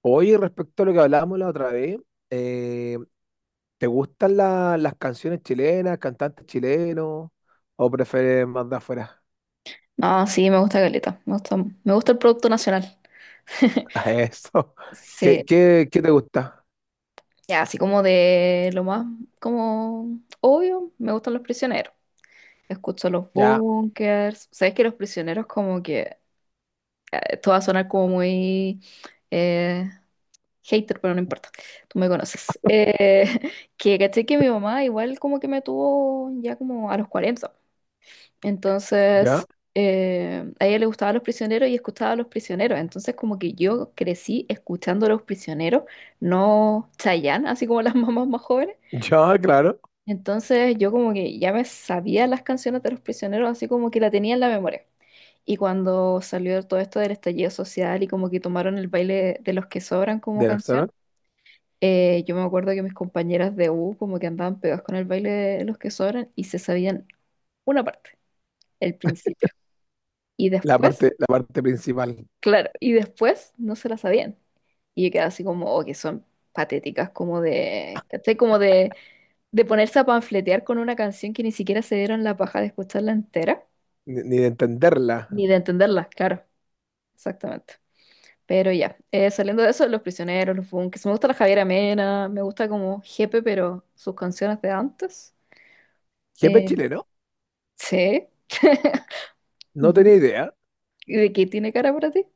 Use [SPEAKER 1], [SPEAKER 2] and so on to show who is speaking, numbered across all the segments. [SPEAKER 1] Oye, respecto a lo que hablábamos la otra vez, eh, ¿te gustan las canciones chilenas, cantantes chilenos, o prefieres más de afuera?
[SPEAKER 2] Ah, sí, me gusta caleta. Me gusta el producto nacional.
[SPEAKER 1] A eso. ¿Qué,
[SPEAKER 2] Sí,
[SPEAKER 1] qué, qué te gusta?
[SPEAKER 2] ya, así como de lo más como obvio, me gustan los prisioneros. Escucho los
[SPEAKER 1] Ya,
[SPEAKER 2] bunkers. Sabes que los prisioneros como que esto va a sonar como muy eh, hater, pero no importa. Tú me conoces. Que caché que mi mamá igual como que me tuvo ya como a los 40.
[SPEAKER 1] ya,
[SPEAKER 2] Entonces, a ella le gustaban los prisioneros y escuchaba a los prisioneros. Entonces, como que yo crecí escuchando a los prisioneros, no Chayanne, así como las mamás más jóvenes.
[SPEAKER 1] ya, claro.
[SPEAKER 2] Entonces, yo como que ya me sabía las canciones de los prisioneros, así como que la tenía en la memoria. Y cuando salió todo esto del estallido social y como que tomaron el baile de los que sobran como
[SPEAKER 1] De
[SPEAKER 2] canción,
[SPEAKER 1] Roxana.
[SPEAKER 2] yo me acuerdo que mis compañeras de U como que andaban pegadas con el baile de los que sobran y se sabían una parte, el principio. Y
[SPEAKER 1] La
[SPEAKER 2] después
[SPEAKER 1] parte, la parte principal.
[SPEAKER 2] Claro, y después no se la sabían. Y yo quedaba así como, oh, que son patéticas, como de, ¿cachai? Como de ponerse a panfletear con una canción que ni siquiera se dieron la paja de escucharla entera,
[SPEAKER 1] Ni de entenderla.
[SPEAKER 2] ni de entenderla, claro, exactamente. Pero ya, saliendo de eso, Los Prisioneros, Los Bunkers, me gusta la Javiera Mena, me gusta como Jepe, pero sus canciones de antes.
[SPEAKER 1] ¿Jefe
[SPEAKER 2] Eh,
[SPEAKER 1] chileno?
[SPEAKER 2] sí.
[SPEAKER 1] No
[SPEAKER 2] Ujú.
[SPEAKER 1] tenía idea.
[SPEAKER 2] ¿Y de qué tiene cara para ti?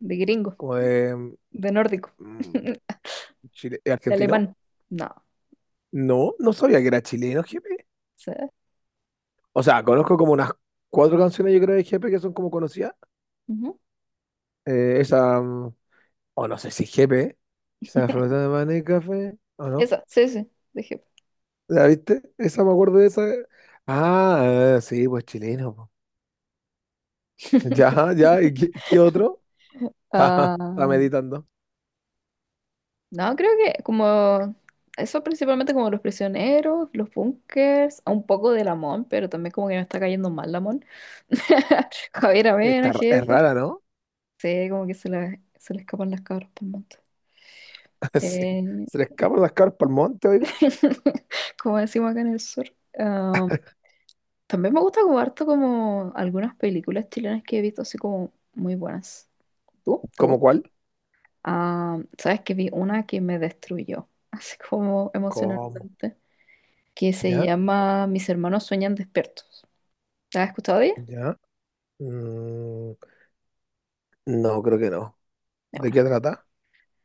[SPEAKER 2] De gringo,
[SPEAKER 1] Como de
[SPEAKER 2] de nórdico,
[SPEAKER 1] mm,
[SPEAKER 2] de
[SPEAKER 1] Argentino.
[SPEAKER 2] alemán. No,
[SPEAKER 1] No, no sabía que era chileno, jefe.
[SPEAKER 2] sí.
[SPEAKER 1] O sea, conozco como unas cuatro canciones, yo creo, de jefe que son como conocidas.
[SPEAKER 2] Ujú.
[SPEAKER 1] Esa. O no sé si GP, esa flota de maní y café, o no.
[SPEAKER 2] Esa, sí, sí, dije.
[SPEAKER 1] ¿La viste? Esa, me acuerdo de esa. Ah, sí, pues chileno, po. Ya, ya, ¿y qué, qué otro? Está
[SPEAKER 2] Ah,
[SPEAKER 1] meditando.
[SPEAKER 2] no, creo que como eso principalmente como los prisioneros, los bunkers, un poco de Lamón, pero también como que me está cayendo mal Lamón. Javier
[SPEAKER 1] Está,
[SPEAKER 2] Avena,
[SPEAKER 1] es
[SPEAKER 2] jefe.
[SPEAKER 1] rara, ¿no?
[SPEAKER 2] Sí, como que se le escapan las cabras por el monte.
[SPEAKER 1] Sí.
[SPEAKER 2] Eh,
[SPEAKER 1] Se le escapan las carpas al monte, oiga.
[SPEAKER 2] Como decimos acá en el sur. Ah, también me gusta como harto como algunas películas chilenas que he visto así como muy buenas. ¿Tú? ¿Te
[SPEAKER 1] ¿Cómo
[SPEAKER 2] gusta?
[SPEAKER 1] cuál?
[SPEAKER 2] Ah, ¿sabes que vi una que me destruyó, así como
[SPEAKER 1] ¿Cómo?
[SPEAKER 2] emocionalmente, que se
[SPEAKER 1] ¿Ya?
[SPEAKER 2] llama Mis hermanos sueñan despiertos? ¿La has escuchado de ella?
[SPEAKER 1] ¿Ya? Mm, no, creo que no.
[SPEAKER 2] Ya,
[SPEAKER 1] ¿De
[SPEAKER 2] bueno.
[SPEAKER 1] qué trata?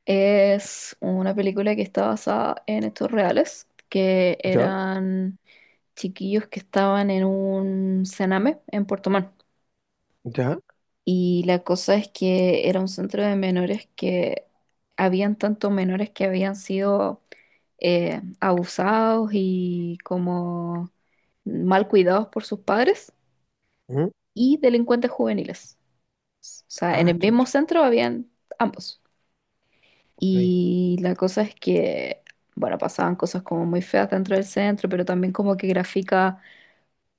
[SPEAKER 2] Es una película que está basada en hechos reales, que
[SPEAKER 1] ¿Ya?
[SPEAKER 2] eran chiquillos que estaban en un cename en Puerto Montt.
[SPEAKER 1] ¿Ya?
[SPEAKER 2] Y la cosa es que era un centro de menores que habían tantos menores que habían sido abusados y como mal cuidados por sus padres
[SPEAKER 1] ¿Mm?
[SPEAKER 2] y delincuentes juveniles. O sea, en
[SPEAKER 1] Ah,
[SPEAKER 2] el mismo
[SPEAKER 1] chucha.
[SPEAKER 2] centro habían ambos.
[SPEAKER 1] Ok.
[SPEAKER 2] Y la cosa es que, bueno, pasaban cosas como muy feas dentro del centro, pero también como que grafica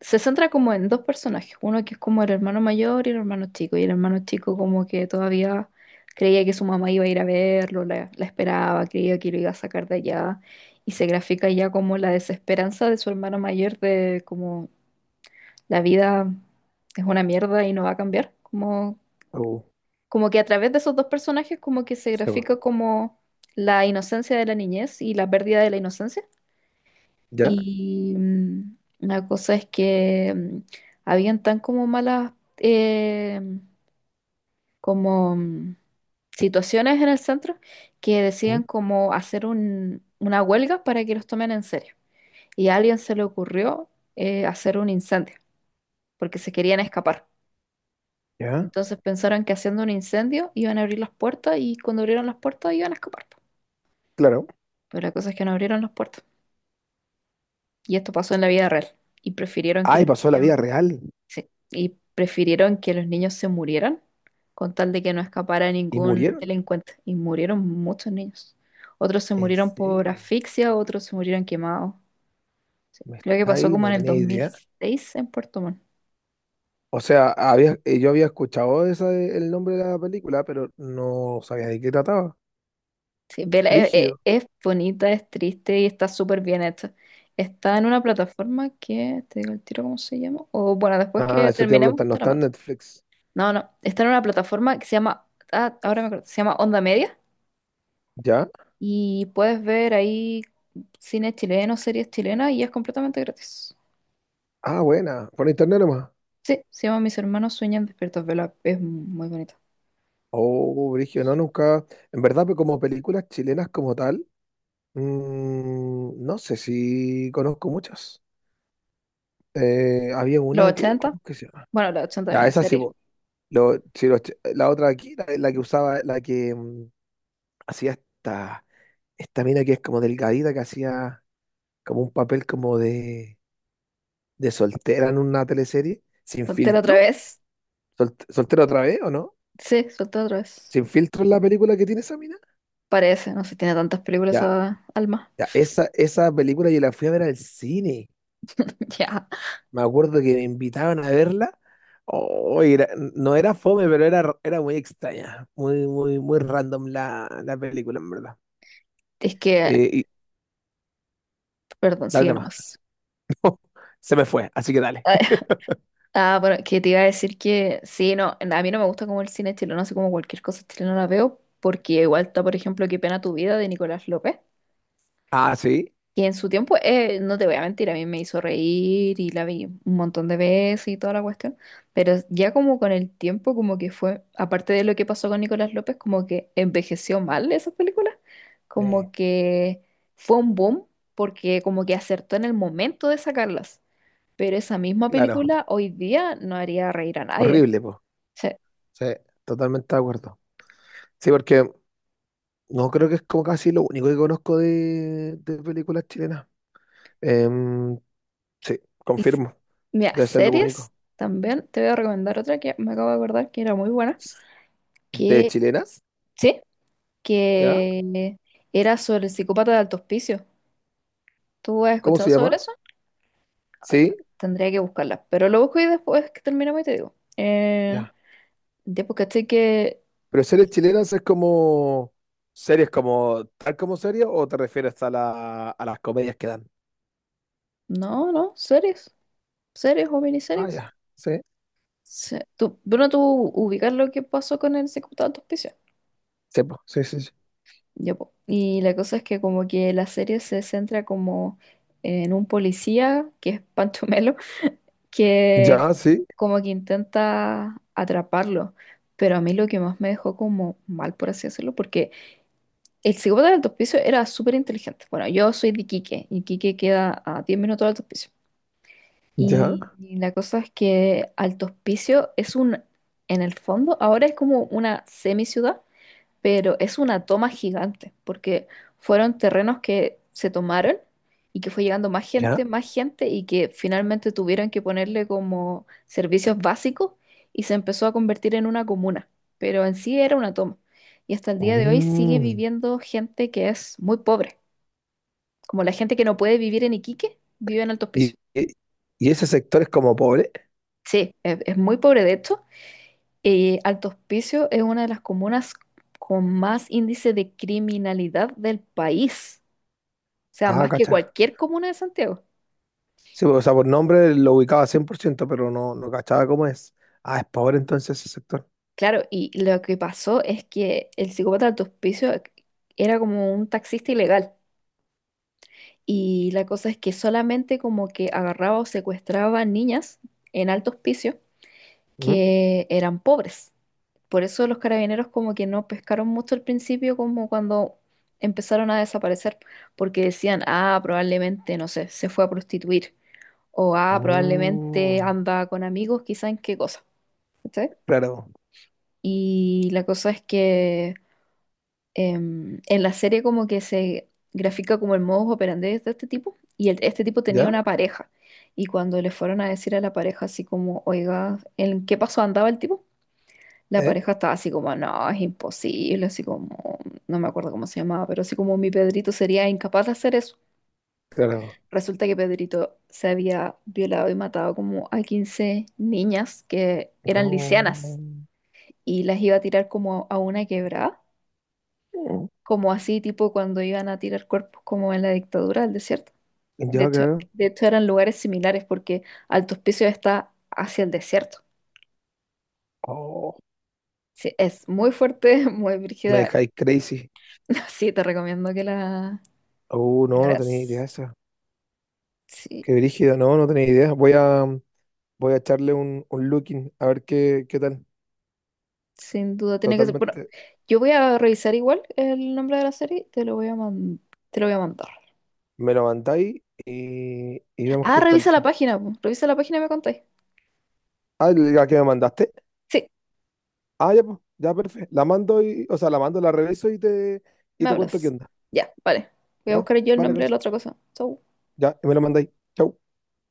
[SPEAKER 2] se centra como en dos personajes, uno que es como el hermano mayor y el hermano chico, y el hermano chico como que todavía creía que su mamá iba a ir a verlo, la esperaba, creía que lo iba a sacar de allá, y se grafica ya como la desesperanza de su hermano mayor de como la vida es una mierda y no va a cambiar, como,
[SPEAKER 1] Uh,
[SPEAKER 2] como que a través de esos dos personajes como que se
[SPEAKER 1] Se va.
[SPEAKER 2] grafica como la inocencia de la niñez y la pérdida de la inocencia.
[SPEAKER 1] ¿Ya?
[SPEAKER 2] Y la cosa es que habían tan como malas como situaciones en el centro que
[SPEAKER 1] ¿Mm?
[SPEAKER 2] decían como hacer una huelga para que los tomen en serio. Y a alguien se le ocurrió hacer un incendio porque se querían escapar.
[SPEAKER 1] ¿Ya?
[SPEAKER 2] Entonces pensaron que haciendo un incendio iban a abrir las puertas y cuando abrieron las puertas iban a escapar. Po.
[SPEAKER 1] Claro.
[SPEAKER 2] Pero la cosa es que no abrieron las puertas. Y esto pasó en la vida real. Y prefirieron que
[SPEAKER 1] Ay,
[SPEAKER 2] los
[SPEAKER 1] pasó a la
[SPEAKER 2] niños
[SPEAKER 1] vida real.
[SPEAKER 2] Sí, y prefirieron que los niños se murieran con tal de que no escapara
[SPEAKER 1] ¿Y
[SPEAKER 2] ningún
[SPEAKER 1] murieron?
[SPEAKER 2] delincuente. Y murieron muchos niños. Otros se
[SPEAKER 1] ¿En
[SPEAKER 2] murieron por
[SPEAKER 1] serio?
[SPEAKER 2] asfixia, otros se murieron quemados. Sí,
[SPEAKER 1] Me
[SPEAKER 2] creo que
[SPEAKER 1] está
[SPEAKER 2] pasó
[SPEAKER 1] ahí,
[SPEAKER 2] como
[SPEAKER 1] no
[SPEAKER 2] en el
[SPEAKER 1] tenía idea.
[SPEAKER 2] 2006 en Puerto Montt.
[SPEAKER 1] O sea, había, yo había escuchado esa, el nombre de la película, pero no sabía de qué trataba.
[SPEAKER 2] Sí, vela,
[SPEAKER 1] Brígido.
[SPEAKER 2] es, bonita, es triste y está súper bien hecha. Está en una plataforma que, te digo el tiro cómo se llama, o bueno, después
[SPEAKER 1] Ah,
[SPEAKER 2] que
[SPEAKER 1] eso te iba a
[SPEAKER 2] terminemos
[SPEAKER 1] preguntar, no
[SPEAKER 2] te la
[SPEAKER 1] está en
[SPEAKER 2] mando.
[SPEAKER 1] Netflix.
[SPEAKER 2] No, no, está en una plataforma que se llama, ah, ahora me acuerdo, se llama Onda Media
[SPEAKER 1] ¿Ya?
[SPEAKER 2] y puedes ver ahí cine chileno, series chilenas y es completamente gratis.
[SPEAKER 1] Ah, buena. Por internet nomás.
[SPEAKER 2] Sí, se llama Mis hermanos sueñan despiertos, vela, es muy bonito.
[SPEAKER 1] Oh, brígido, no, nunca. En verdad, pues como películas chilenas como tal, no sé si conozco muchas. Había
[SPEAKER 2] Los
[SPEAKER 1] una que,
[SPEAKER 2] ochenta,
[SPEAKER 1] ¿cómo que se llama?
[SPEAKER 2] bueno, los ochenta es
[SPEAKER 1] Ya,
[SPEAKER 2] una
[SPEAKER 1] esa sí,
[SPEAKER 2] serie.
[SPEAKER 1] po. Si la otra aquí, la que usaba, la que hacía Esta. Mina que es como delgadita, que hacía como un papel como de soltera en una teleserie, sin
[SPEAKER 2] Soltera otra
[SPEAKER 1] filtro.
[SPEAKER 2] vez.
[SPEAKER 1] ¿Soltera otra vez o no?
[SPEAKER 2] Sí, soltera otra vez.
[SPEAKER 1] ¿Sin filtro es la película que tiene esa mina?
[SPEAKER 2] Parece, no sé, tiene tantas películas
[SPEAKER 1] Ya,
[SPEAKER 2] a alma.
[SPEAKER 1] ya, esa película yo la fui a ver al cine.
[SPEAKER 2] Ya.
[SPEAKER 1] Me acuerdo que me invitaban a verla. Oh, no era fome, pero era muy extraña. Muy, muy, muy random la película, en verdad.
[SPEAKER 2] Es que,
[SPEAKER 1] Y
[SPEAKER 2] perdón,
[SPEAKER 1] dale
[SPEAKER 2] sigue
[SPEAKER 1] nomás.
[SPEAKER 2] nomás.
[SPEAKER 1] Se me fue, así que dale.
[SPEAKER 2] Ah, bueno, que te iba a decir que sí, no, a mí no me gusta como el cine chileno, así como cualquier cosa chilena la veo, porque igual está, por ejemplo, Qué pena tu vida de Nicolás López,
[SPEAKER 1] Ah, sí.
[SPEAKER 2] y en su tiempo, no te voy a mentir, a mí me hizo reír y la vi un montón de veces y toda la cuestión, pero ya como con el tiempo, como que fue, aparte de lo que pasó con Nicolás López, como que envejeció mal esas películas,
[SPEAKER 1] Eh,
[SPEAKER 2] como que fue un boom, porque como que acertó en el momento de sacarlas, pero esa misma
[SPEAKER 1] claro.
[SPEAKER 2] película hoy día no haría reír a nadie.
[SPEAKER 1] Horrible, po.
[SPEAKER 2] Sí.
[SPEAKER 1] Sí, totalmente de acuerdo. Sí, porque no creo que es como casi lo único que conozco de películas chilenas. Em, sí,
[SPEAKER 2] Y
[SPEAKER 1] confirmo.
[SPEAKER 2] mira,
[SPEAKER 1] Debe ser lo
[SPEAKER 2] series
[SPEAKER 1] único.
[SPEAKER 2] también. Te voy a recomendar otra que me acabo de acordar que era muy buena.
[SPEAKER 1] ¿De
[SPEAKER 2] Que,
[SPEAKER 1] chilenas?
[SPEAKER 2] sí,
[SPEAKER 1] ¿Ya?
[SPEAKER 2] que era sobre el psicópata de Alto Hospicio. ¿Tú has
[SPEAKER 1] ¿Cómo
[SPEAKER 2] escuchado
[SPEAKER 1] se
[SPEAKER 2] sobre
[SPEAKER 1] llama?
[SPEAKER 2] eso? Ah,
[SPEAKER 1] Sí,
[SPEAKER 2] tendría que buscarla. Pero lo busco y después que terminemos y te digo.
[SPEAKER 1] ya.
[SPEAKER 2] Ya porque estoy que.
[SPEAKER 1] Pero series chilenas es como series como tal como series, o te refieres a las comedias que dan.
[SPEAKER 2] No, no, series. Series o
[SPEAKER 1] Ah,
[SPEAKER 2] miniseries.
[SPEAKER 1] ya. Sí,
[SPEAKER 2] Sí. Tú, bueno, tú ubicas lo que pasó con el psicópata de Alto Hospicio.
[SPEAKER 1] sí, po, sí, sí, sí.
[SPEAKER 2] Ya, po. Y la cosa es que como que la serie se centra como en un policía, que es Pancho Melo, que
[SPEAKER 1] Ya, sí,
[SPEAKER 2] como que intenta atraparlo. Pero a mí lo que más me dejó como mal, por así decirlo, porque el psicópata del alto piso era súper inteligente. Bueno, yo soy de Iquique, y Iquique queda a 10 minutos de alto piso.
[SPEAKER 1] ya,
[SPEAKER 2] Y la cosa es que Alto Hospicio es un, en el fondo, ahora es como una semi ciudad, pero es una toma gigante, porque fueron terrenos que se tomaron y que fue llegando
[SPEAKER 1] ya.
[SPEAKER 2] más gente, y que finalmente tuvieron que ponerle como servicios básicos y se empezó a convertir en una comuna, pero en sí era una toma. Y hasta el día de hoy sigue
[SPEAKER 1] Mm.
[SPEAKER 2] viviendo gente que es muy pobre, como la gente que no puede vivir en Iquique, vive en Alto
[SPEAKER 1] ¿Y,
[SPEAKER 2] Hospicio.
[SPEAKER 1] y, y ese sector es como pobre?
[SPEAKER 2] Sí, es muy pobre de hecho. Y Alto Hospicio es una de las comunas con más índice de criminalidad del país. Sea,
[SPEAKER 1] Ah,
[SPEAKER 2] más que
[SPEAKER 1] cacha.
[SPEAKER 2] cualquier comuna de Santiago.
[SPEAKER 1] Sí, o sea, por nombre lo ubicaba 100%, pero no cachaba cómo es. Ah, es Power entonces ese sector.
[SPEAKER 2] Claro, y lo que pasó es que el psicópata de Hospicio era como un taxista ilegal. Y la cosa es que solamente como que agarraba o secuestraba niñas en alto hospicio
[SPEAKER 1] Ujú.
[SPEAKER 2] que eran pobres. Por eso los carabineros como que no pescaron mucho al principio, como cuando empezaron a desaparecer, porque decían, ah, probablemente, no sé, se fue a prostituir, o ah, probablemente
[SPEAKER 1] Mm,
[SPEAKER 2] anda con amigos, quizá en qué cosa. ¿Cachai?
[SPEAKER 1] claro.
[SPEAKER 2] Y la cosa es que en la serie como que se grafica como el modus operandi de este tipo y este tipo tenía
[SPEAKER 1] ¿Ya?
[SPEAKER 2] una pareja. Y cuando le fueron a decir a la pareja así como, oiga, ¿en qué paso andaba el tipo? La
[SPEAKER 1] ¿Eh?
[SPEAKER 2] pareja estaba así como, no, es imposible, así como, no me acuerdo cómo se llamaba, pero así como mi Pedrito sería incapaz de hacer eso.
[SPEAKER 1] Claro.
[SPEAKER 2] Resulta que Pedrito se había violado y matado como a 15 niñas que eran
[SPEAKER 1] No.
[SPEAKER 2] lisianas y las iba a tirar como a una quebrada.
[SPEAKER 1] Mm.
[SPEAKER 2] Como así, tipo cuando iban a tirar cuerpos como en la dictadura del desierto.
[SPEAKER 1] Ya,
[SPEAKER 2] De hecho,
[SPEAKER 1] claro.
[SPEAKER 2] de hecho, eran lugares similares porque Alto Hospicio está hacia el desierto.
[SPEAKER 1] Oh,
[SPEAKER 2] Sí, es muy fuerte, muy
[SPEAKER 1] me
[SPEAKER 2] brígida.
[SPEAKER 1] dejáis crazy.
[SPEAKER 2] Sí, te recomiendo que la,
[SPEAKER 1] Oh,
[SPEAKER 2] que la
[SPEAKER 1] no, no tenía idea
[SPEAKER 2] veas.
[SPEAKER 1] esa.
[SPEAKER 2] Sí,
[SPEAKER 1] Qué brígido, no, no tenía idea. Voy a echarle un, looking a ver qué tal.
[SPEAKER 2] sin duda tiene que ser. Bueno,
[SPEAKER 1] Totalmente.
[SPEAKER 2] yo voy a revisar igual el nombre de la serie, te lo voy a mandar.
[SPEAKER 1] Me lo mandáis y vemos
[SPEAKER 2] Ah,
[SPEAKER 1] qué tal,
[SPEAKER 2] revisa la
[SPEAKER 1] po.
[SPEAKER 2] página, po. Revisa la página y me contáis.
[SPEAKER 1] Ah, ¿la que me mandaste?
[SPEAKER 2] Sí,
[SPEAKER 1] Ah, ya, pues, ya, perfecto. La mando y, o sea, la mando, la reviso y te, y
[SPEAKER 2] me
[SPEAKER 1] te cuento qué
[SPEAKER 2] hablas.
[SPEAKER 1] onda.
[SPEAKER 2] Ya, vale. Voy a
[SPEAKER 1] Ya,
[SPEAKER 2] buscar yo el
[SPEAKER 1] vale,
[SPEAKER 2] nombre de
[SPEAKER 1] Canso.
[SPEAKER 2] la otra cosa. Chau.
[SPEAKER 1] Ya, y me lo mandáis. Chau.